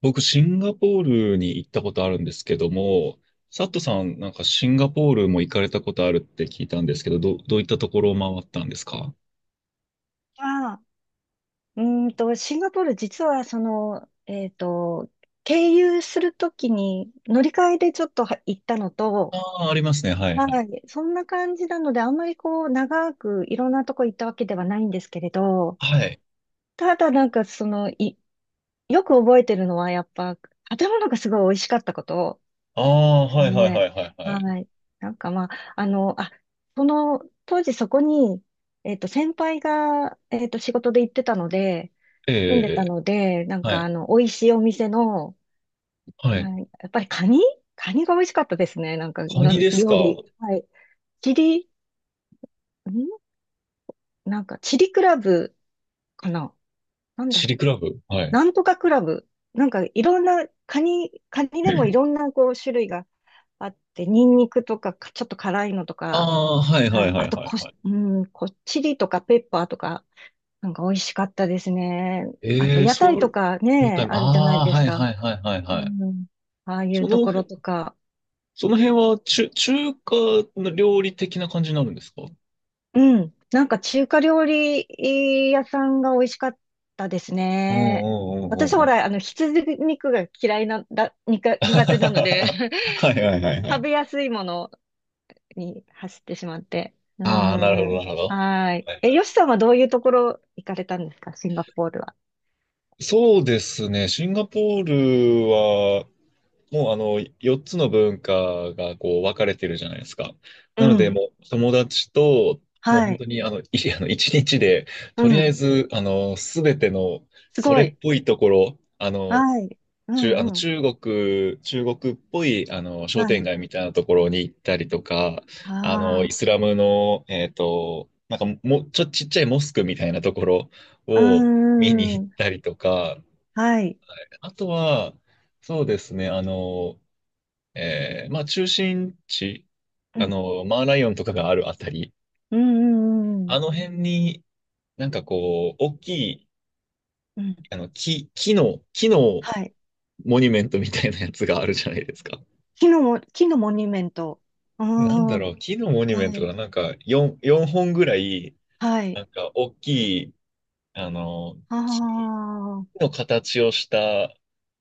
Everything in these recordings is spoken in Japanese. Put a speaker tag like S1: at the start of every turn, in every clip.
S1: 僕、シンガポールに行ったことあるんですけども、サットさん、なんかシンガポールも行かれたことあるって聞いたんですけど、どういったところを回ったんですか？
S2: ああ、うシンガポール、実は、経由するときに乗り換えでちょっとは行ったの
S1: あ
S2: と、
S1: あー、ありますね。はい、はい。
S2: はい、そんな感じなので、あんまりこう、長くいろんなとこ行ったわけではないんですけれど、
S1: はい。
S2: ただなんか、よく覚えてるのは、やっぱ、建物がすごい美味しかったこと。
S1: ああ、はい、はい、は
S2: ね。
S1: い、はい、はい。
S2: はい。なんかまあ、あの、あ、その、当時そこに、先輩が、仕事で行ってたので、
S1: え
S2: 住んで
S1: え、
S2: た
S1: ええ、
S2: ので、なん
S1: は
S2: か
S1: い、
S2: 美味しいお店の、
S1: はい。
S2: はい、やっぱりカニが美味しかったですね。なんか、
S1: カニですか？
S2: 料理。はい。チリ、んなんか、チリクラブかな。なんだ
S1: チ
S2: ろ
S1: リ
S2: う。
S1: クラブ。はい。
S2: なんとかクラブ。なんか、いろんな、カニでもいろんなこう種類があって、ニンニクとか、ちょっと辛いのと
S1: あ
S2: か、
S1: あ、はい、はい、は
S2: あ
S1: い、
S2: と
S1: はい、
S2: こ
S1: は
S2: し、
S1: い。
S2: うん、こ、チリとかペッパーとか、なんか美味しかったですね。あと、
S1: ええ、
S2: 屋台
S1: そ
S2: と
S1: う、
S2: か
S1: ヨタイ
S2: ね、
S1: ム。
S2: あるじゃな
S1: あ
S2: い
S1: あ、
S2: です
S1: はい、
S2: か。
S1: はい、はい、はい、は
S2: う
S1: い。
S2: ん。ああいう
S1: そ
S2: と
S1: の
S2: ころ
S1: 辺、
S2: とか。
S1: その辺は中華の料理的な感じになるんですか？
S2: うん。なんか中華料理屋さんが美味しかったです
S1: うんうん
S2: ね。
S1: う
S2: 私
S1: んうん
S2: ほ
S1: う
S2: ら、
S1: ん。
S2: 羊肉が嫌いな、だ、にか、苦手なので
S1: はい はいはいは
S2: 食
S1: い。
S2: べやすいものに走ってしまって。う
S1: ああ、なるほど
S2: ん。
S1: なるほど。
S2: はい。
S1: はいは
S2: よしさんはどういうところ行かれたんですか、シンガポールは。
S1: い、そうですね。シンガポールは、もう4つの文化がこう分かれてるじゃないですか。
S2: う
S1: なので、
S2: ん。
S1: もう友達と、もう
S2: は
S1: 本当
S2: い。
S1: に1日で、
S2: う
S1: とりあえ
S2: ん。
S1: ず、すべての、
S2: す
S1: そ
S2: ご
S1: れっ
S2: い。
S1: ぽいところ、あの、
S2: はい。う
S1: 中、あ
S2: ん
S1: の、
S2: うん。
S1: 中国、中国っぽい、商
S2: は
S1: 店
S2: い。
S1: 街みたいなところに行ったりとか、
S2: あ
S1: イスラムの、なんかも、ちっちゃいモスクみたいなところ
S2: あ。う
S1: を
S2: ん
S1: 見に
S2: う
S1: 行
S2: んう
S1: っ
S2: ん。
S1: たりとか、
S2: はい。
S1: あとは、そうですね、中心地、
S2: うん
S1: マーライオンとかがあるあたり、
S2: うんうんうんう
S1: あ
S2: ん。
S1: の辺になんかこう、大きい、
S2: うん。
S1: 木の
S2: はい。
S1: モニュメントみたいなやつがあるじゃないですか。
S2: 木のモニュメント。う
S1: なん
S2: ん。
S1: だ
S2: は
S1: ろう、木のモニュメント
S2: い。
S1: がなんか4、4本ぐらい、
S2: は
S1: な
S2: い。
S1: んか大きい、あの、
S2: あ
S1: 木
S2: あ。
S1: の形をした、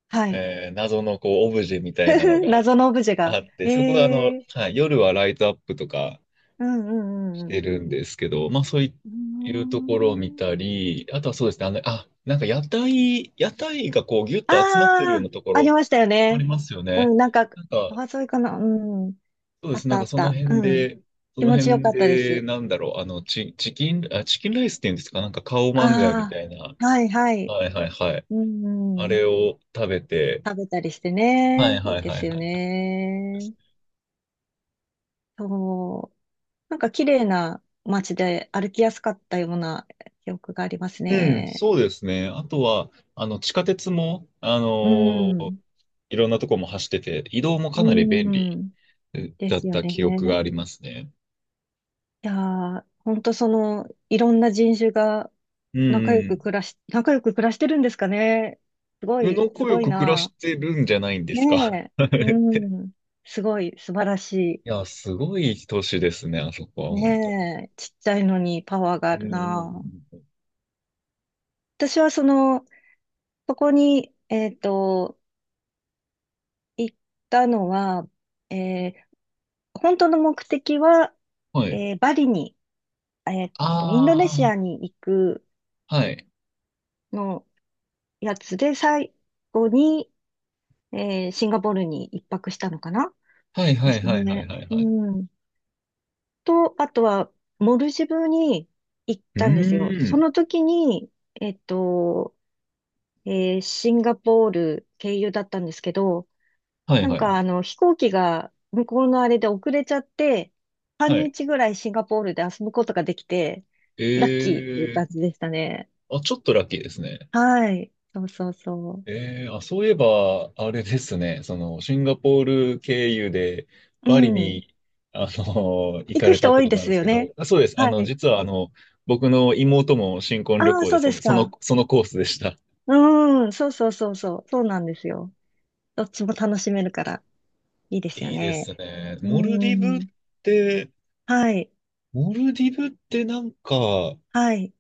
S2: はい。
S1: 謎のこう、オブジェみたいなの が
S2: 謎のオブジェが。
S1: あって、そこで
S2: ええ
S1: はい、夜はライトアップとか
S2: うんう
S1: し
S2: んう
S1: て
S2: ん
S1: るんですけど、まあそうい
S2: う
S1: うところを見
S2: ん。うー
S1: た
S2: ん。
S1: り、あとはそうですね、なんか屋台、屋台がこう、ぎゅっ
S2: あ
S1: と集まってるよう
S2: あ、
S1: なとこ
S2: あり
S1: ろ
S2: ましたよ
S1: あり
S2: ね。
S1: ますよ
S2: う
S1: ね。
S2: ん、なんか、
S1: なんか、
S2: 川沿いかな。うん。
S1: そうで
S2: あっ
S1: す。な
S2: た
S1: ん
S2: あ
S1: か
S2: っ
S1: その
S2: た。
S1: 辺
S2: うん。
S1: で、そ
S2: 気
S1: の
S2: 持ちよか
S1: 辺
S2: ったで
S1: で、
S2: す。
S1: なんだろう、チキンライスっていうんですか、なんかカオマンガイみ
S2: あ
S1: たいな。
S2: あ、はいはい。
S1: はいはいはい。
S2: う
S1: あ
S2: んうん。
S1: れを食べて、
S2: 食べたりして
S1: はい
S2: ね。い
S1: は
S2: い
S1: い
S2: で
S1: はいは
S2: す
S1: い
S2: よ
S1: はい。
S2: ね。そう。なんか綺麗な街で歩きやすかったような記憶があります
S1: うん、
S2: ね。
S1: そうですね。あとは、地下鉄も、
S2: う
S1: ー
S2: ん。
S1: いろんなとこも走ってて、移動もか
S2: う
S1: なり便利
S2: ん。で
S1: だっ
S2: すよ
S1: た記憶が
S2: ね。
S1: ありますね。
S2: いやー、ほんとその、いろんな人種が
S1: うんうん。
S2: 仲良く暮らしてるんですかね。すご
S1: 宇野
S2: い、す
S1: 子よ
S2: ごい
S1: く暮らし
S2: な。
S1: てるんじゃないんで
S2: ね
S1: すか。
S2: え。う ん。すごい、素晴らし
S1: いや、すごい都市ですね、あそこは、
S2: い。ねえ。ちっちゃいのにパワーがあ
S1: うんう
S2: る
S1: んうん
S2: な。
S1: うん
S2: 私はそこに、行ったのは、えー本当の目的は、
S1: はい。
S2: バリに、インドネシ
S1: あ
S2: アに行く
S1: あ、はい。
S2: のやつで、最後に、シンガポールに一泊したのかな
S1: はい
S2: で
S1: はい
S2: す
S1: はいはい
S2: ね。
S1: はいはい。
S2: うん。と、あとは、モルジブに行っ
S1: う
S2: たんですよ。
S1: ー
S2: そ
S1: ん。
S2: の時に、えっと、シンガポール経由だったんですけど、
S1: はい
S2: なん
S1: は
S2: か
S1: い。
S2: あの飛行機が向こうのあれで遅れちゃって、半
S1: はい。
S2: 日ぐらいシンガポールで遊ぶことができて、ラッキーっていう
S1: え
S2: 感
S1: え、
S2: じでしたね。
S1: あ、ちょっとラッキーですね。
S2: はい。そうそうそ
S1: ええ、あ、そういえば、あれですね。シンガポール経由で、
S2: う。う
S1: バリ
S2: ん。
S1: に、行
S2: 行
S1: か
S2: く
S1: れた
S2: 人
S1: っ
S2: 多
S1: て
S2: い
S1: こと
S2: で
S1: なん
S2: す
S1: です
S2: よ
S1: け
S2: ね。
S1: ど、あ、そうです。
S2: はい。
S1: 実は、僕の妹も新婚旅
S2: ああ、
S1: 行で、
S2: そう
S1: そ
S2: で
S1: の、
S2: す
S1: その、
S2: か。
S1: そのコースでした。
S2: うん。そうそうそうそう。そうなんですよ。どっちも楽しめるからいいですよ
S1: いいで
S2: ね。
S1: すね。
S2: うん。
S1: て、
S2: はい。
S1: モルディブってなんか、
S2: はい。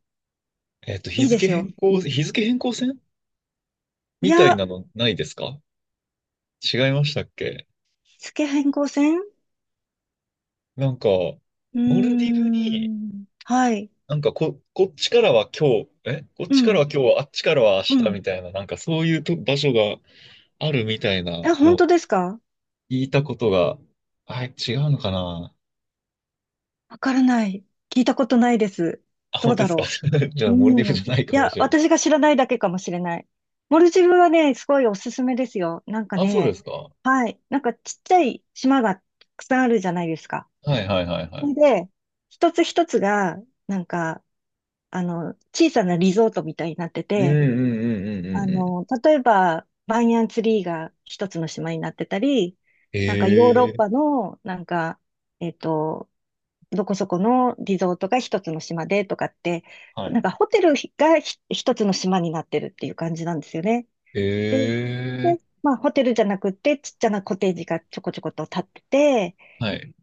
S1: 日
S2: いいで
S1: 付
S2: す
S1: 変
S2: よ。う
S1: 更、
S2: ん
S1: 日付変更線
S2: い
S1: みたい
S2: や、
S1: なのないですか？違いましたっけ？
S2: 付け変更線う
S1: なんか、
S2: ー
S1: モルディブに、
S2: ん。はい。
S1: なんかこっちからは今日、えこっ
S2: う
S1: ちからは
S2: ん。
S1: 今日、あっちからは明
S2: う
S1: 日
S2: ん。
S1: みたいな、なんかそういうと場所があるみたいな
S2: あ、本
S1: の
S2: 当
S1: を
S2: ですか
S1: 聞いたことが、あ、違うのかな。
S2: わからない。聞いたことないです。
S1: あ、
S2: ど
S1: 本
S2: う
S1: 当
S2: だ
S1: ですか？
S2: ろ
S1: じゃ
S2: う。
S1: あ、モルディブ
S2: う
S1: じ
S2: ん。
S1: ゃないか
S2: い
S1: も
S2: や、
S1: しれない。
S2: 私が知らないだけかもしれない。モルジブはね、すごいおすすめですよ。なんか
S1: あ、そうで
S2: ね、
S1: すか。は
S2: はい。なんかちっちゃい島がたくさんあるじゃないですか。
S1: いはいはいは
S2: そ
S1: い。
S2: れで、一つ一つが、なんか、小さなリゾートみたいになって
S1: うんう
S2: て、
S1: んうんうんうんうん。
S2: 例えば、バニヤンツリーが一つの島になってたり、なんかヨーロッ
S1: ええ、
S2: パの、なんか、えっと、どこそこのリゾートが一つの島でとかって、
S1: はい。
S2: なんかホテルが一つの島になってるっていう感じなんですよね。で、
S1: ええ、
S2: まあホテルじゃなくてちっちゃなコテージがちょこちょこと建ってて、
S1: はい。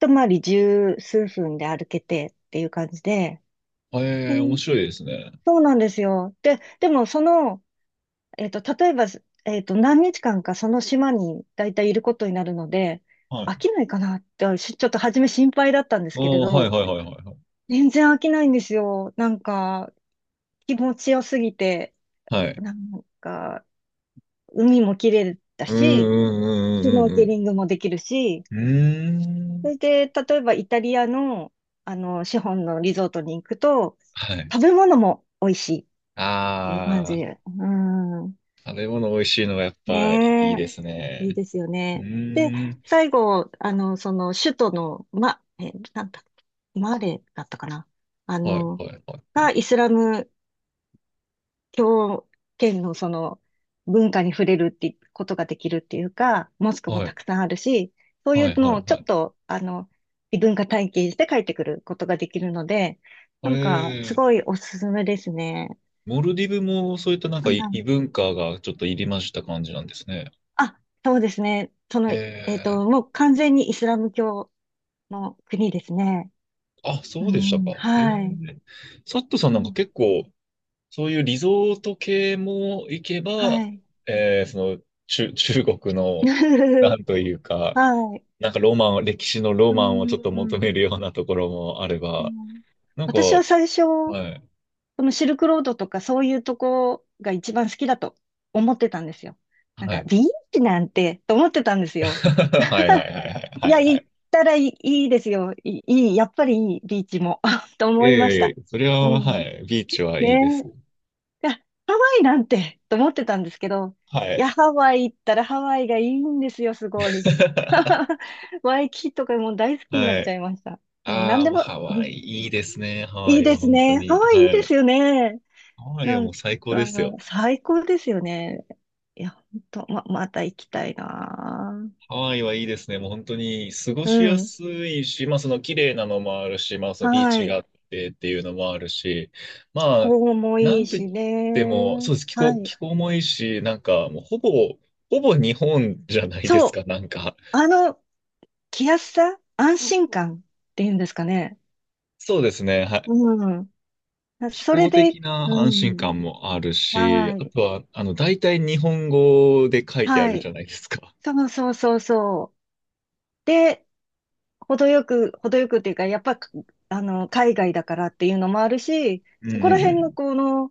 S2: 一回り十数分で歩けてっていう感じで、え
S1: ええ、面
S2: ー
S1: 白いですね。
S2: そうなんですよ。で、でも例えば、何日間かその島に大体いることになるので、
S1: は
S2: 飽
S1: い。
S2: きないかなって、ちょっと初め心配だったんです
S1: あ
S2: けれ
S1: あ、はい
S2: ど、
S1: はいはいはいはい。
S2: 全然飽きないんですよ。なんか、気持ちよすぎて、
S1: はい。
S2: なんか、海も綺麗だ
S1: うん
S2: し、
S1: うん
S2: シュ
S1: うん
S2: ノ
S1: う
S2: ー
S1: んう
S2: ケ
S1: ん
S2: リングもできるし、
S1: うん。うー
S2: そ
S1: ん。
S2: れで、例えばイタリアの、資本のリゾートに行くと、
S1: はい。
S2: 食べ物も美味しいっていう感じ。
S1: ああ、
S2: うん。
S1: 食べ物美味しいのがやっぱい
S2: ね
S1: い
S2: え、
S1: です
S2: いい
S1: ね。
S2: ですよ
S1: う
S2: ね。で、
S1: ーん。
S2: 最後、首都の、なんだ、マレだったかな。あ
S1: はい
S2: の、
S1: はいはいは
S2: が
S1: い。
S2: イスラム狂犬のその文化に触れるってことができるっていうか、モスクも
S1: は
S2: た
S1: い
S2: くさんあるし、そうい
S1: はい
S2: う
S1: は
S2: のを
S1: い
S2: ちょ
S1: は
S2: っ
S1: い。
S2: と、異文化体験して帰ってくることができるので、
S1: え
S2: なんか、す
S1: え、
S2: ごいおすすめですね。
S1: モルディブもそういったなん
S2: う
S1: か異異
S2: ん
S1: 文化がちょっと入りました感じなんですね。
S2: あ、そうですね。
S1: ええ、
S2: もう完全にイスラム教の国ですね。
S1: あ、
S2: う
S1: そうでした
S2: ん、
S1: か。ええ、
S2: はい。
S1: サットさん
S2: う
S1: なんか
S2: ん、
S1: 結構そういうリゾート系も行け
S2: は
S1: ば、
S2: い。
S1: その、中国の、な んというか、
S2: はい。
S1: なんかロマン、歴史のロ
S2: う
S1: マンをちょっと求め
S2: ん、
S1: るようなところもあれ
S2: う
S1: ば、
S2: ん。
S1: なんか、
S2: 私は最初、
S1: はい、
S2: そのシルクロードとかそういうとこが一番好きだと思ってたんですよ。なん
S1: は
S2: か、
S1: い。
S2: ビーチなんて、と思ってたんですよ。
S1: はいはいはい はい
S2: い
S1: は
S2: や、
S1: いは
S2: 行
S1: い。
S2: ったらいい、いいですよ。いい、いいやっぱりいい、ビーチも。と
S1: え
S2: 思いまし
S1: ええ
S2: た。
S1: えそれ
S2: う
S1: は、は
S2: ん。
S1: い、ビーチは
S2: ね
S1: いいで
S2: え。
S1: す。
S2: いや、ハワイなんて、と思ってたんですけど、
S1: は
S2: い
S1: い。
S2: や、ハワイ行ったらハワイがいいんですよ、すごい。ワイキキとかもう大好きになっ
S1: は
S2: ちゃ
S1: い。
S2: いました。うん、
S1: あ
S2: 何
S1: あ、
S2: で
S1: もう
S2: も、
S1: ハ
S2: う
S1: ワ
S2: ん
S1: イ、いいですね。ハワ
S2: いい
S1: イ
S2: で
S1: は
S2: す
S1: 本当
S2: ね。ハ
S1: に。
S2: ワイいい
S1: は
S2: です
S1: い。
S2: よね。
S1: ハワイ
S2: な
S1: はも
S2: ん
S1: う最高で
S2: か、
S1: すよ。
S2: 最高ですよね。いや、本当、また行きたいな。
S1: ハワイはいいですね。もう本当に過ご
S2: う
S1: しや
S2: ん。
S1: すいし、まあその綺麗なのもあるし、まあそのビー
S2: は
S1: チが
S2: い。
S1: あってっていうのもあるし、
S2: 気
S1: まあ、
S2: 候も
S1: な
S2: いい
S1: んと言
S2: し
S1: っ
S2: ね。
S1: ても、そうです。気
S2: は
S1: 候、
S2: い。
S1: 気候もいいし、なんかもうほぼ日本じゃないで
S2: そ
S1: す
S2: う。
S1: か、なんか。
S2: あの、気安さ、安心感っていうんですかね。
S1: そうですね。はい。
S2: うん。
S1: 気
S2: それ
S1: 候
S2: で、
S1: 的な
S2: う
S1: 安心
S2: ん。
S1: 感もあるし、
S2: は
S1: あ
S2: い。
S1: とは、大体日本語で書いてあ
S2: は
S1: るじ
S2: い。
S1: ゃないですか。
S2: そうそうそうそう。で、程よくっていうか、やっぱ、海外だからっていうのもあるし、
S1: うんう
S2: そ
S1: ん
S2: こら
S1: う
S2: 辺の
S1: ん。
S2: この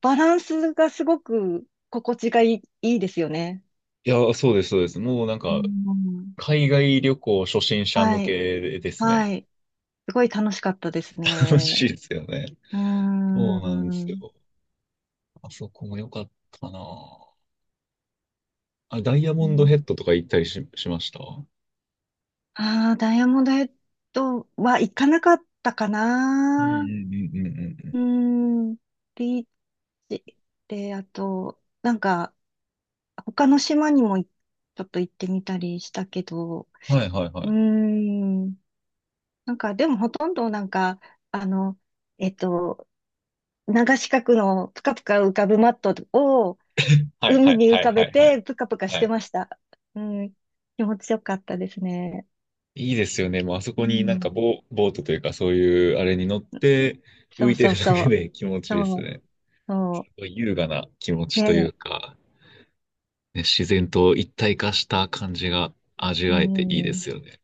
S2: バランスがすごく心地がいい、いいですよね。
S1: いや、そうです、そうです。もうなん
S2: う
S1: か、
S2: ん。
S1: 海外旅行初心者向
S2: はい。
S1: けですね。
S2: はい。すごい楽しかったです
S1: 楽
S2: ね。
S1: しいですよね。
S2: うー
S1: そうなんですよ。
S2: ん。
S1: あそこも良かったな。ダイヤモンドヘッドとか行ったりしました？
S2: ああダイヤモンドヘッドは行かなかったか
S1: うんう
S2: な。
S1: んうんうんうん
S2: うーん。ビーチで、あと、なんか、他の島にもちょっと行ってみたりしたけど、
S1: うん。はいはいは
S2: うー
S1: い。
S2: ん、なんかでもほとんどなんか、あの、えっと、流し角のぷかぷか浮かぶマットを
S1: はいは
S2: 海
S1: い
S2: に浮
S1: は
S2: か
S1: いは
S2: べ
S1: いはい。
S2: てぷかぷかし
S1: は
S2: て
S1: い。
S2: ました。うん、気持ちよかったですね。
S1: いいですよね。もうあそ
S2: う
S1: こになんか
S2: ん、
S1: ボートというかそういうあれに乗って
S2: そ
S1: 浮い
S2: う
S1: て
S2: そう
S1: るだ
S2: そ
S1: け
S2: う、
S1: で気持ちいいです
S2: そう、
S1: ね。
S2: そ
S1: 優雅な気持
S2: う、
S1: ちという
S2: ね、
S1: か、ね、自然と一体化した感じが味
S2: う
S1: わえていいで
S2: ん。
S1: すよね。